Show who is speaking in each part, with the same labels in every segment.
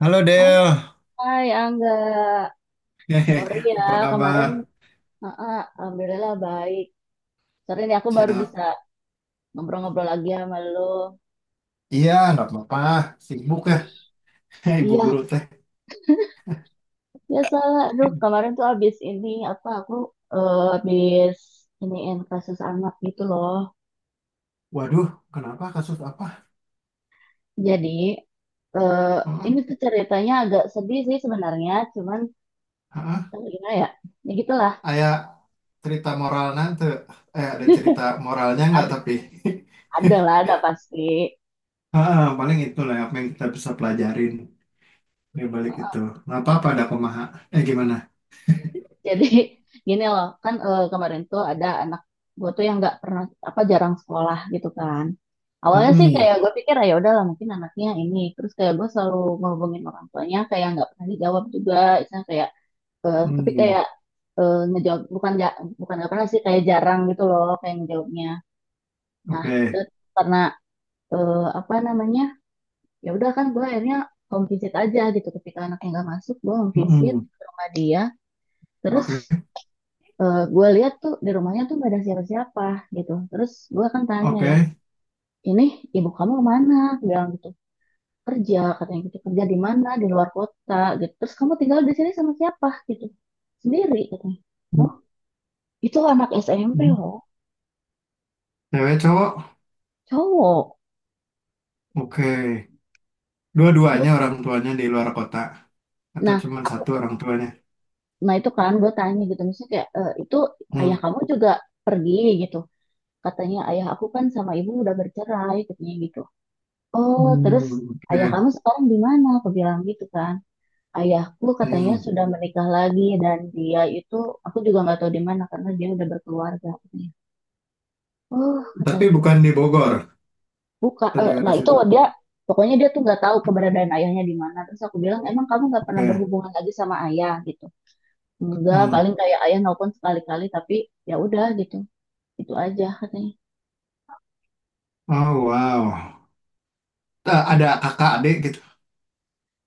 Speaker 1: Halo Del,
Speaker 2: Hai Angga,
Speaker 1: Hehe,
Speaker 2: sorry ya
Speaker 1: apa kabar?
Speaker 2: kemarin. Heeh, alhamdulillah baik. Sorry nih aku baru
Speaker 1: Siap.
Speaker 2: bisa ngobrol-ngobrol lagi sama lo.
Speaker 1: Iya, nggak apa-apa. Sibuk ya, ibu
Speaker 2: Iya,
Speaker 1: guru teh.
Speaker 2: biasalah. Aduh, kemarin tuh abis ini apa aku abis iniin kasus anak gitu loh.
Speaker 1: Waduh, kenapa kasus apa?
Speaker 2: Jadi eh,
Speaker 1: Heeh,
Speaker 2: ini tuh ceritanya agak sedih sih sebenarnya, cuman
Speaker 1: heeh.
Speaker 2: gimana ya? Ya gitulah.
Speaker 1: Aya cerita moral nanti. Ada cerita moralnya nggak
Speaker 2: Ada,
Speaker 1: tapi?
Speaker 2: ada lah, ada pasti.
Speaker 1: Heeh, paling itu lah apa yang kita bisa pelajarin di balik itu. Nggak apa-apa ada pemaha. Gimana?
Speaker 2: Jadi gini loh, kan kemarin tuh ada anak gue tuh yang nggak pernah apa jarang sekolah gitu kan. Awalnya sih
Speaker 1: Mm-mm,
Speaker 2: kayak gue pikir, "Ah, ya udahlah mungkin anaknya ini." Terus kayak gue selalu ngehubungin orang tuanya kayak nggak pernah dijawab juga. Misalnya kayak tapi
Speaker 1: mm,
Speaker 2: kayak ngejawab bukan nggak pernah sih kayak jarang gitu loh kayak ngejawabnya. Nah
Speaker 1: oke.
Speaker 2: udah, karena apa namanya ya udah kan gue akhirnya home visit aja gitu ketika anaknya nggak masuk gue home visit
Speaker 1: Mm-mm,
Speaker 2: ke rumah dia. Terus
Speaker 1: oke.
Speaker 2: gue lihat tuh di rumahnya tuh gak ada siapa-siapa gitu. Terus gue kan tanya
Speaker 1: Oke.
Speaker 2: ya, ini ibu kamu kemana? Dia bilang gitu, kerja katanya gitu, kerja di mana? Di luar kota gitu. Terus kamu tinggal di sini sama siapa gitu? Sendiri katanya. Oh, itu anak SMP
Speaker 1: Mm-mm.
Speaker 2: loh,
Speaker 1: Cewek cowok?
Speaker 2: cowok.
Speaker 1: Oke.
Speaker 2: Terus,
Speaker 1: Dua-duanya orang tuanya di luar kota. Atau
Speaker 2: nah
Speaker 1: cuma
Speaker 2: aku,
Speaker 1: satu orang tuanya?
Speaker 2: nah itu kan gue tanya gitu, misalnya kayak, "Eh, itu ayah
Speaker 1: Hmm.
Speaker 2: kamu juga pergi gitu." Katanya ayah aku kan sama ibu udah bercerai katanya gitu. Oh,
Speaker 1: Hmm,
Speaker 2: terus ayah
Speaker 1: oke.
Speaker 2: kamu sekarang di mana? Aku bilang gitu kan. Ayahku katanya
Speaker 1: Hmm.
Speaker 2: sudah menikah lagi dan dia itu aku juga nggak tahu di mana karena dia udah berkeluarga katanya. Oh kata
Speaker 1: Tapi
Speaker 2: aku,
Speaker 1: bukan di Bogor, atau
Speaker 2: nah
Speaker 1: daerah
Speaker 2: itu
Speaker 1: situ.
Speaker 2: dia pokoknya dia tuh nggak tahu keberadaan ayahnya di mana. Terus aku bilang emang kamu nggak pernah
Speaker 1: Oke.
Speaker 2: berhubungan lagi sama ayah gitu. Enggak,
Speaker 1: Hmm.
Speaker 2: paling kayak ayah nelpon sekali-kali tapi ya udah gitu, itu aja katanya.
Speaker 1: Oh, wow. Ada kakak adik gitu.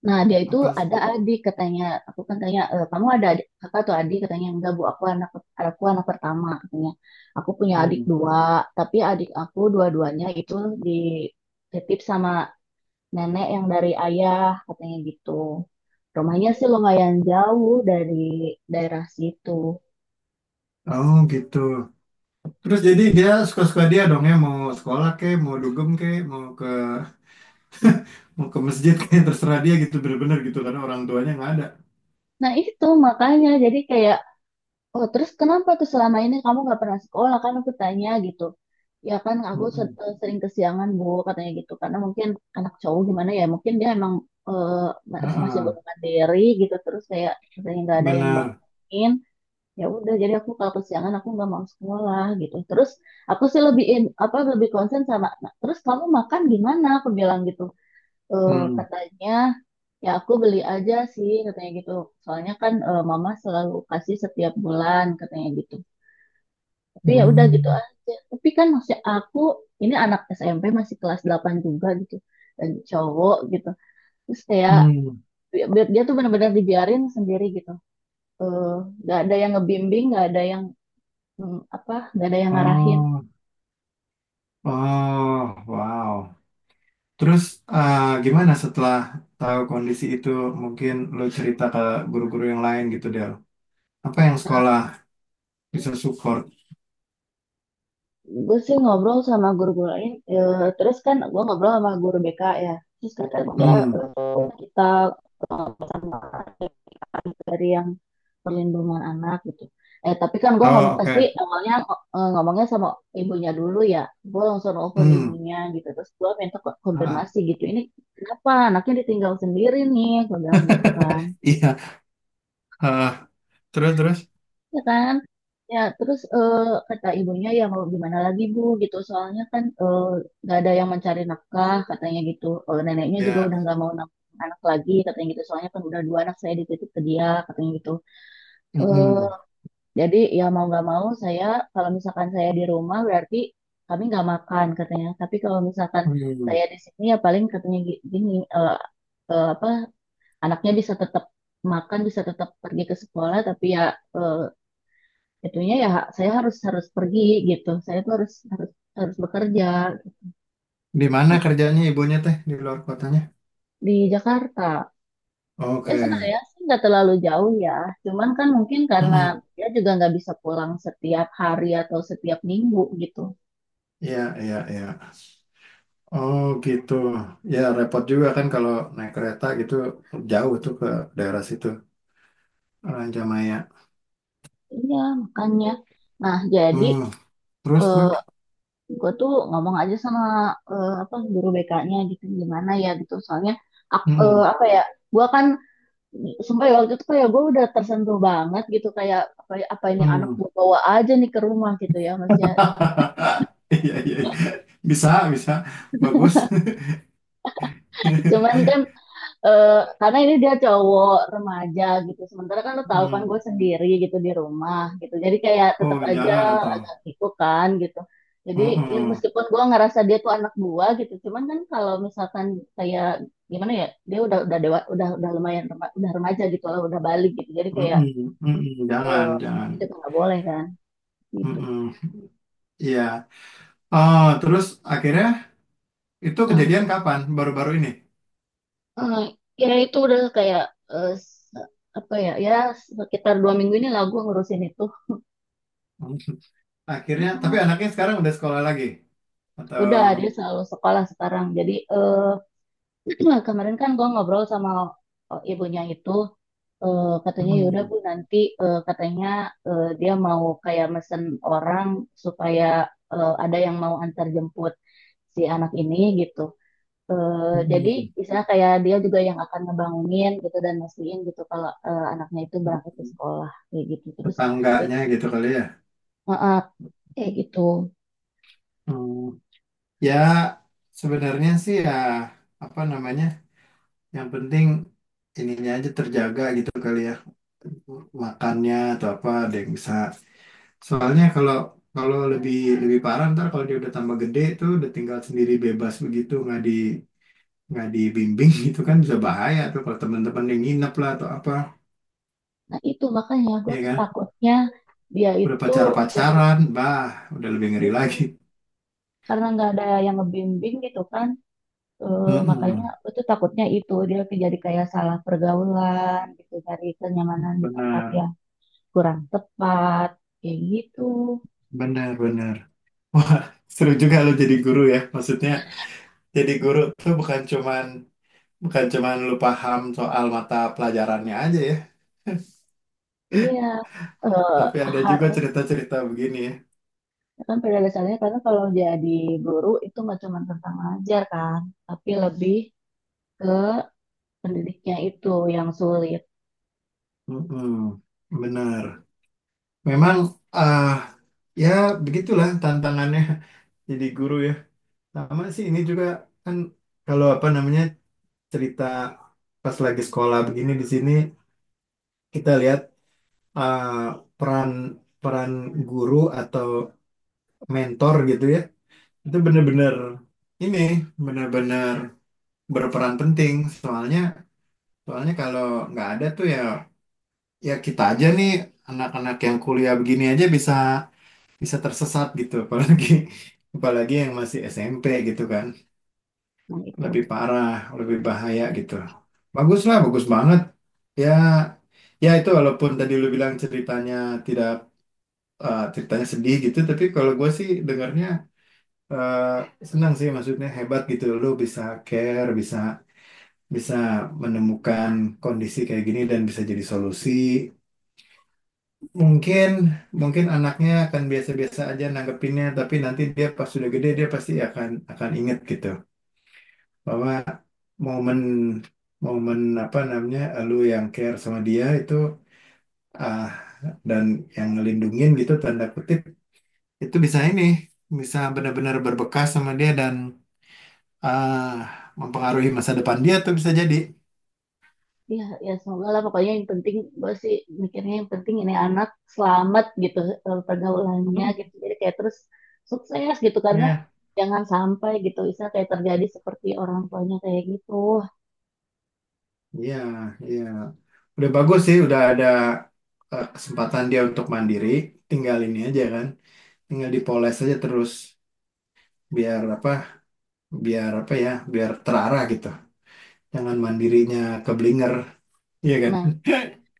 Speaker 2: Nah, dia itu
Speaker 1: Apa?
Speaker 2: ada adik katanya. Aku kan tanya, "Eh, kamu ada adik kakak atau adik?" Katanya, enggak bu, aku anak pertama katanya. Aku punya adik
Speaker 1: Hmm.
Speaker 2: dua, tapi adik aku dua-duanya itu dititip sama nenek yang dari ayah katanya gitu. Rumahnya sih lumayan jauh dari daerah situ.
Speaker 1: Oh, gitu. Terus jadi dia suka-suka dia dong ya mau sekolah ke, mau dugem ke, mau ke masjid ke, terserah dia gitu bener-bener gitu karena orang tuanya nggak ada.
Speaker 2: Nah itu makanya jadi kayak, oh terus kenapa tuh selama ini kamu nggak pernah sekolah kan aku tanya gitu. Ya kan aku
Speaker 1: Hmm.
Speaker 2: sering kesiangan Bu katanya gitu karena mungkin anak cowok gimana ya mungkin dia emang eh, masih
Speaker 1: Heeh.
Speaker 2: belum mandiri gitu terus kayak sering nggak ada yang
Speaker 1: Benar.
Speaker 2: bangunin ya udah jadi aku kalau kesiangan aku nggak mau sekolah gitu terus aku sih lebih apa lebih konsen sama, "Nah, terus kamu makan gimana?" aku bilang gitu. Eh,
Speaker 1: Hmm.
Speaker 2: katanya ya aku beli aja sih katanya gitu soalnya kan mama selalu kasih setiap bulan katanya gitu tapi ya udah gitu
Speaker 1: Hmm.
Speaker 2: aja. Tapi kan masih aku ini anak SMP masih kelas 8 juga gitu. Dan cowok gitu. Terus kayak
Speaker 1: Hmm.
Speaker 2: bi- dia tuh benar-benar dibiarin sendiri gitu. Eh, nggak ada yang ngebimbing, nggak ada yang apa, nggak ada yang ngarahin.
Speaker 1: Oh. Oh, wow. Terus eh, gimana setelah tahu kondisi itu mungkin lo cerita ke guru-guru yang lain gitu Del. Apa yang sekolah bisa support?
Speaker 2: Gue sih ngobrol sama guru-guru lain. Terus kan gue ngobrol sama guru BK ya. Terus kata dia
Speaker 1: Hmm.
Speaker 2: kita dari yang perlindungan anak gitu. Tapi kan gue ngomong
Speaker 1: Oh,
Speaker 2: pasti
Speaker 1: oke.
Speaker 2: awalnya ngomongnya sama ibunya dulu ya. Gue langsung telepon
Speaker 1: Hmm.
Speaker 2: ibunya gitu. Terus gue minta
Speaker 1: Ah,
Speaker 2: konfirmasi gitu. Ini kenapa anaknya ditinggal sendiri nih? Gue bilang gitu kan.
Speaker 1: iya. Ah, terus terus.
Speaker 2: Ya kan? Ya terus kata ibunya ya mau gimana lagi bu gitu. Soalnya kan nggak ada yang mencari nafkah katanya gitu. Neneknya juga udah
Speaker 1: Ya.
Speaker 2: nggak mau nafkah anak lagi katanya gitu. Soalnya kan udah dua anak saya dititip ke dia katanya gitu. Eh
Speaker 1: Mm-mm.
Speaker 2: Jadi ya mau nggak mau saya kalau misalkan saya di rumah berarti kami nggak makan katanya. Tapi kalau misalkan
Speaker 1: Hmm.
Speaker 2: saya di sini ya paling katanya gini eh, apa anaknya bisa tetap makan bisa tetap pergi ke sekolah tapi ya eh, itunya ya saya harus harus pergi gitu. Saya tuh harus harus harus bekerja
Speaker 1: Di mana kerjanya ibunya teh di luar kotanya?
Speaker 2: di Jakarta. Ya
Speaker 1: Oke.
Speaker 2: sebenarnya sih nggak terlalu jauh ya. Cuman kan mungkin karena
Speaker 1: Mm-mm.
Speaker 2: dia juga nggak bisa pulang setiap hari atau setiap minggu gitu.
Speaker 1: Iya, iya, iya. Oh, gitu. Ya repot juga kan kalau naik kereta gitu jauh tuh ke daerah situ. Rancamaya.
Speaker 2: Iya, makanya. Nah, jadi
Speaker 1: Hmm. Terus
Speaker 2: eh,
Speaker 1: terus.
Speaker 2: gue tuh ngomong aja sama apa guru BK-nya gitu gimana ya gitu. Soalnya
Speaker 1: Mm-mm.
Speaker 2: apa ya, gue kan sampai waktu itu kayak gue udah tersentuh banget gitu kayak apa, apa ini anak
Speaker 1: Hmm.
Speaker 2: gue bawa aja nih ke rumah gitu ya Mas ya.
Speaker 1: Iya, iya, iya. Bisa bisa. Bagus.
Speaker 2: Cuman kan eh karena ini dia cowok remaja gitu. Sementara kan lo tahu kan
Speaker 1: Hmm.
Speaker 2: gue sendiri gitu di rumah gitu. Jadi kayak
Speaker 1: Oh,
Speaker 2: tetap aja
Speaker 1: jangan atau.
Speaker 2: agak gitu kan gitu. Jadi ya
Speaker 1: Mm-mm.
Speaker 2: meskipun gue ngerasa dia tuh anak gua gitu, cuman kan kalau misalkan kayak gimana ya, dia udah dewa, udah lumayan udah remaja gitu lah, udah balik gitu. Jadi kayak
Speaker 1: Mm-mm. Mm-mm. Jangan
Speaker 2: eh,
Speaker 1: jangan.
Speaker 2: itu tuh nggak boleh kan gitu.
Speaker 1: Mm-mm. Iya. Oh, terus akhirnya itu
Speaker 2: Nah,
Speaker 1: kejadian kapan? Baru-baru ini.
Speaker 2: eh, ya itu udah kayak eh, se- apa ya, ya sekitar 2 minggu ini lah gue ngurusin itu.
Speaker 1: Hmm. Akhirnya. Tapi anaknya sekarang udah sekolah lagi atau.
Speaker 2: Udah, dia selalu sekolah sekarang. Jadi kemarin kan gue ngobrol sama ibunya itu, katanya yaudah bu
Speaker 1: Mm-mm.
Speaker 2: nanti katanya dia mau kayak mesen orang supaya ada yang mau antar jemput si anak ini gitu. Eh, jadi
Speaker 1: Mm-mm.
Speaker 2: misalnya kayak dia juga yang akan ngebangunin gitu dan mastiin gitu kalau anaknya itu berangkat ke sekolah kayak gitu. Terus eh,
Speaker 1: Tetangganya gitu kali ya.
Speaker 2: eh, kayak gitu.
Speaker 1: Hmm. Ya sebenarnya sih ya apa namanya? Yang penting ininya aja terjaga gitu kali ya. Makannya atau apa ada yang bisa. Soalnya kalau kalau lebih lebih parah ntar kalau dia udah tambah gede tuh udah tinggal sendiri bebas begitu nggak dibimbing gitu kan bisa bahaya tuh kalau teman-teman yang nginep lah atau apa
Speaker 2: Nah itu makanya gue
Speaker 1: ya
Speaker 2: tuh
Speaker 1: kan
Speaker 2: takutnya dia
Speaker 1: udah
Speaker 2: itu jadi
Speaker 1: pacar-pacaran udah lebih ngeri lagi
Speaker 2: gitu. Karena nggak ada yang ngebimbing gitu kan, makanya
Speaker 1: Mm-mm.
Speaker 2: aku tuh takutnya itu dia jadi kayak salah pergaulan gitu, cari kenyamanan di tempat
Speaker 1: Benar
Speaker 2: yang kurang tepat, kayak gitu.
Speaker 1: benar benar, wah seru juga lo jadi guru ya maksudnya jadi guru tuh bukan cuman lu paham soal mata pelajarannya aja ya,
Speaker 2: Iya, eh,
Speaker 1: tapi ada juga
Speaker 2: harus
Speaker 1: cerita-cerita begini ya.
Speaker 2: ya kan pada dasarnya karena kalau jadi guru itu nggak cuma tentang ngajar kan, tapi lebih ke pendidiknya itu yang sulit.
Speaker 1: Mm-mm, benar. Memang ah ya begitulah tantangannya jadi guru ya. Sama sih ini juga kan kalau apa namanya cerita pas lagi sekolah begini di sini kita lihat, peran peran guru atau mentor gitu ya. Itu benar-benar ini benar-benar berperan penting soalnya Soalnya kalau nggak ada tuh ya, kita aja nih anak-anak yang kuliah begini aja bisa bisa tersesat gitu, apalagi apalagi yang masih SMP gitu kan
Speaker 2: Nah itu.
Speaker 1: lebih parah lebih bahaya gitu. Bagus lah, bagus banget ya, itu walaupun tadi lu bilang ceritanya tidak, ceritanya sedih gitu tapi kalau gue sih dengarnya senang sih maksudnya hebat gitu lu bisa care, bisa bisa menemukan kondisi kayak gini dan bisa jadi solusi. Mungkin mungkin anaknya akan biasa-biasa aja nanggepinnya, tapi nanti dia pas sudah gede dia pasti akan inget gitu bahwa momen momen apa namanya, lu yang care sama dia itu, ah dan yang ngelindungin gitu tanda kutip, itu bisa ini bisa benar-benar berbekas sama dia dan ah mempengaruhi masa depan dia tuh bisa jadi.
Speaker 2: Ya, ya semoga lah pokoknya yang penting gue sih mikirnya yang penting ini anak selamat gitu pergaulannya
Speaker 1: Hmm.
Speaker 2: gitu jadi kayak terus sukses gitu karena
Speaker 1: Ya,
Speaker 2: jangan sampai gitu bisa kayak terjadi seperti orang tuanya kayak gitu
Speaker 1: iya, iya. Udah bagus sih, udah ada kesempatan dia untuk mandiri, tinggal ini aja kan. Tinggal dipoles aja terus biar apa, biar apa ya, biar terarah gitu, jangan mandirinya keblinger, iya kan.
Speaker 2: nah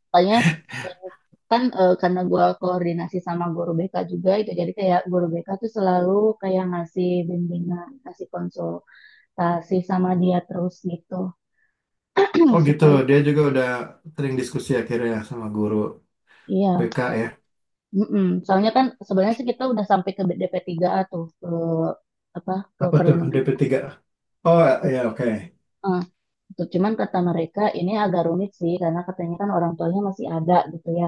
Speaker 2: makanya eh, kan karena gue koordinasi sama guru BK juga itu jadi kayak guru BK tuh selalu kayak ngasih bimbingan ngasih konsultasi sama dia terus gitu. Hmm,
Speaker 1: Oh, gitu
Speaker 2: supaya.
Speaker 1: dia juga udah sering diskusi akhirnya sama guru
Speaker 2: Iya.
Speaker 1: BK ya.
Speaker 2: Mm-mm. Soalnya kan sebenarnya sih kita udah sampai ke DP3A tuh ke apa ke
Speaker 1: Apa tuh
Speaker 2: perlindungan
Speaker 1: DP
Speaker 2: anak.
Speaker 1: tiga? Oh, ya, oke.
Speaker 2: Eh, gitu. Cuman kata mereka ini agak rumit sih karena katanya kan orang tuanya masih ada gitu ya.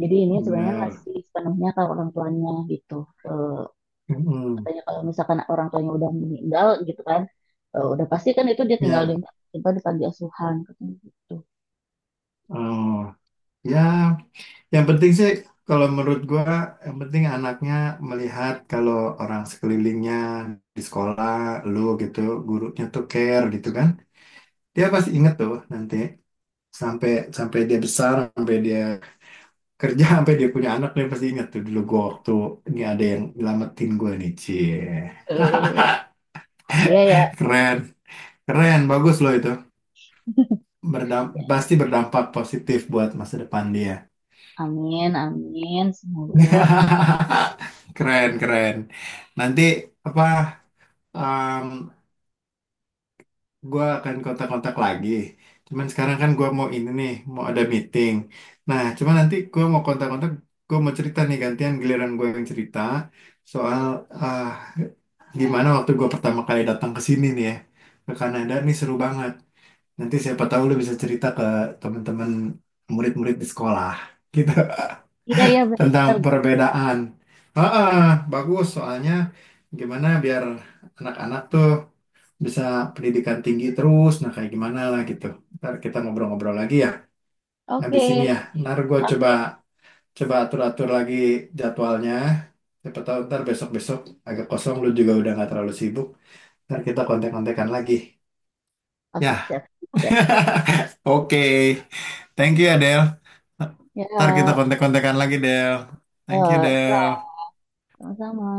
Speaker 2: Jadi ini sebenarnya
Speaker 1: Benar.
Speaker 2: masih sepenuhnya kalau orang tuanya gitu. Eh,
Speaker 1: Mm-mm.
Speaker 2: katanya kalau misalkan orang tuanya udah meninggal gitu kan, udah pasti kan itu dia tinggal di
Speaker 1: Ya.
Speaker 2: apa, di panti asuhan katanya gitu.
Speaker 1: Oh, ya, yang penting sih kalau menurut gua yang penting anaknya melihat kalau orang sekelilingnya di sekolah lu gitu, gurunya tuh care gitu kan dia pasti inget tuh nanti sampai sampai dia besar, sampai dia kerja, sampai dia punya anak dia pasti inget tuh dulu gue waktu ini ada yang nyelamatin gue nih, cie.
Speaker 2: Eh, Iya ya,
Speaker 1: Keren keren, bagus loh itu. Pasti berdampak positif buat masa depan dia.
Speaker 2: amin amin semoga.
Speaker 1: Keren keren, nanti apa gue akan kontak-kontak lagi. Cuman sekarang kan gue mau ini nih, mau ada meeting. Nah, cuman nanti gue mau kontak-kontak, gue mau cerita nih gantian giliran gue yang cerita soal, ah, gimana waktu gue pertama kali datang ke sini nih ya, ke Kanada nih seru banget. Nanti siapa tahu lu bisa cerita ke teman-teman murid-murid di sekolah. Gitu.
Speaker 2: Iya ya
Speaker 1: Tentang
Speaker 2: benar.
Speaker 1: perbedaan. Heeh, bagus soalnya gimana biar anak-anak tuh bisa pendidikan tinggi terus. Nah, kayak gimana lah gitu. Ntar kita ngobrol-ngobrol lagi ya.
Speaker 2: Oke,
Speaker 1: Habis ini ya, ntar gue coba
Speaker 2: oke,
Speaker 1: coba atur-atur lagi jadwalnya. Siapa tahu ntar besok-besok agak kosong, lu juga udah nggak terlalu sibuk. Ntar kita kontek-kontekan lagi.
Speaker 2: oke,
Speaker 1: Ya,
Speaker 2: siap. Siap.
Speaker 1: oke. Thank you ya, Del. Ntar kita
Speaker 2: Ya,
Speaker 1: kontek-kontekan lagi, Del. Thank you,
Speaker 2: ya,
Speaker 1: Del.
Speaker 2: sama-sama.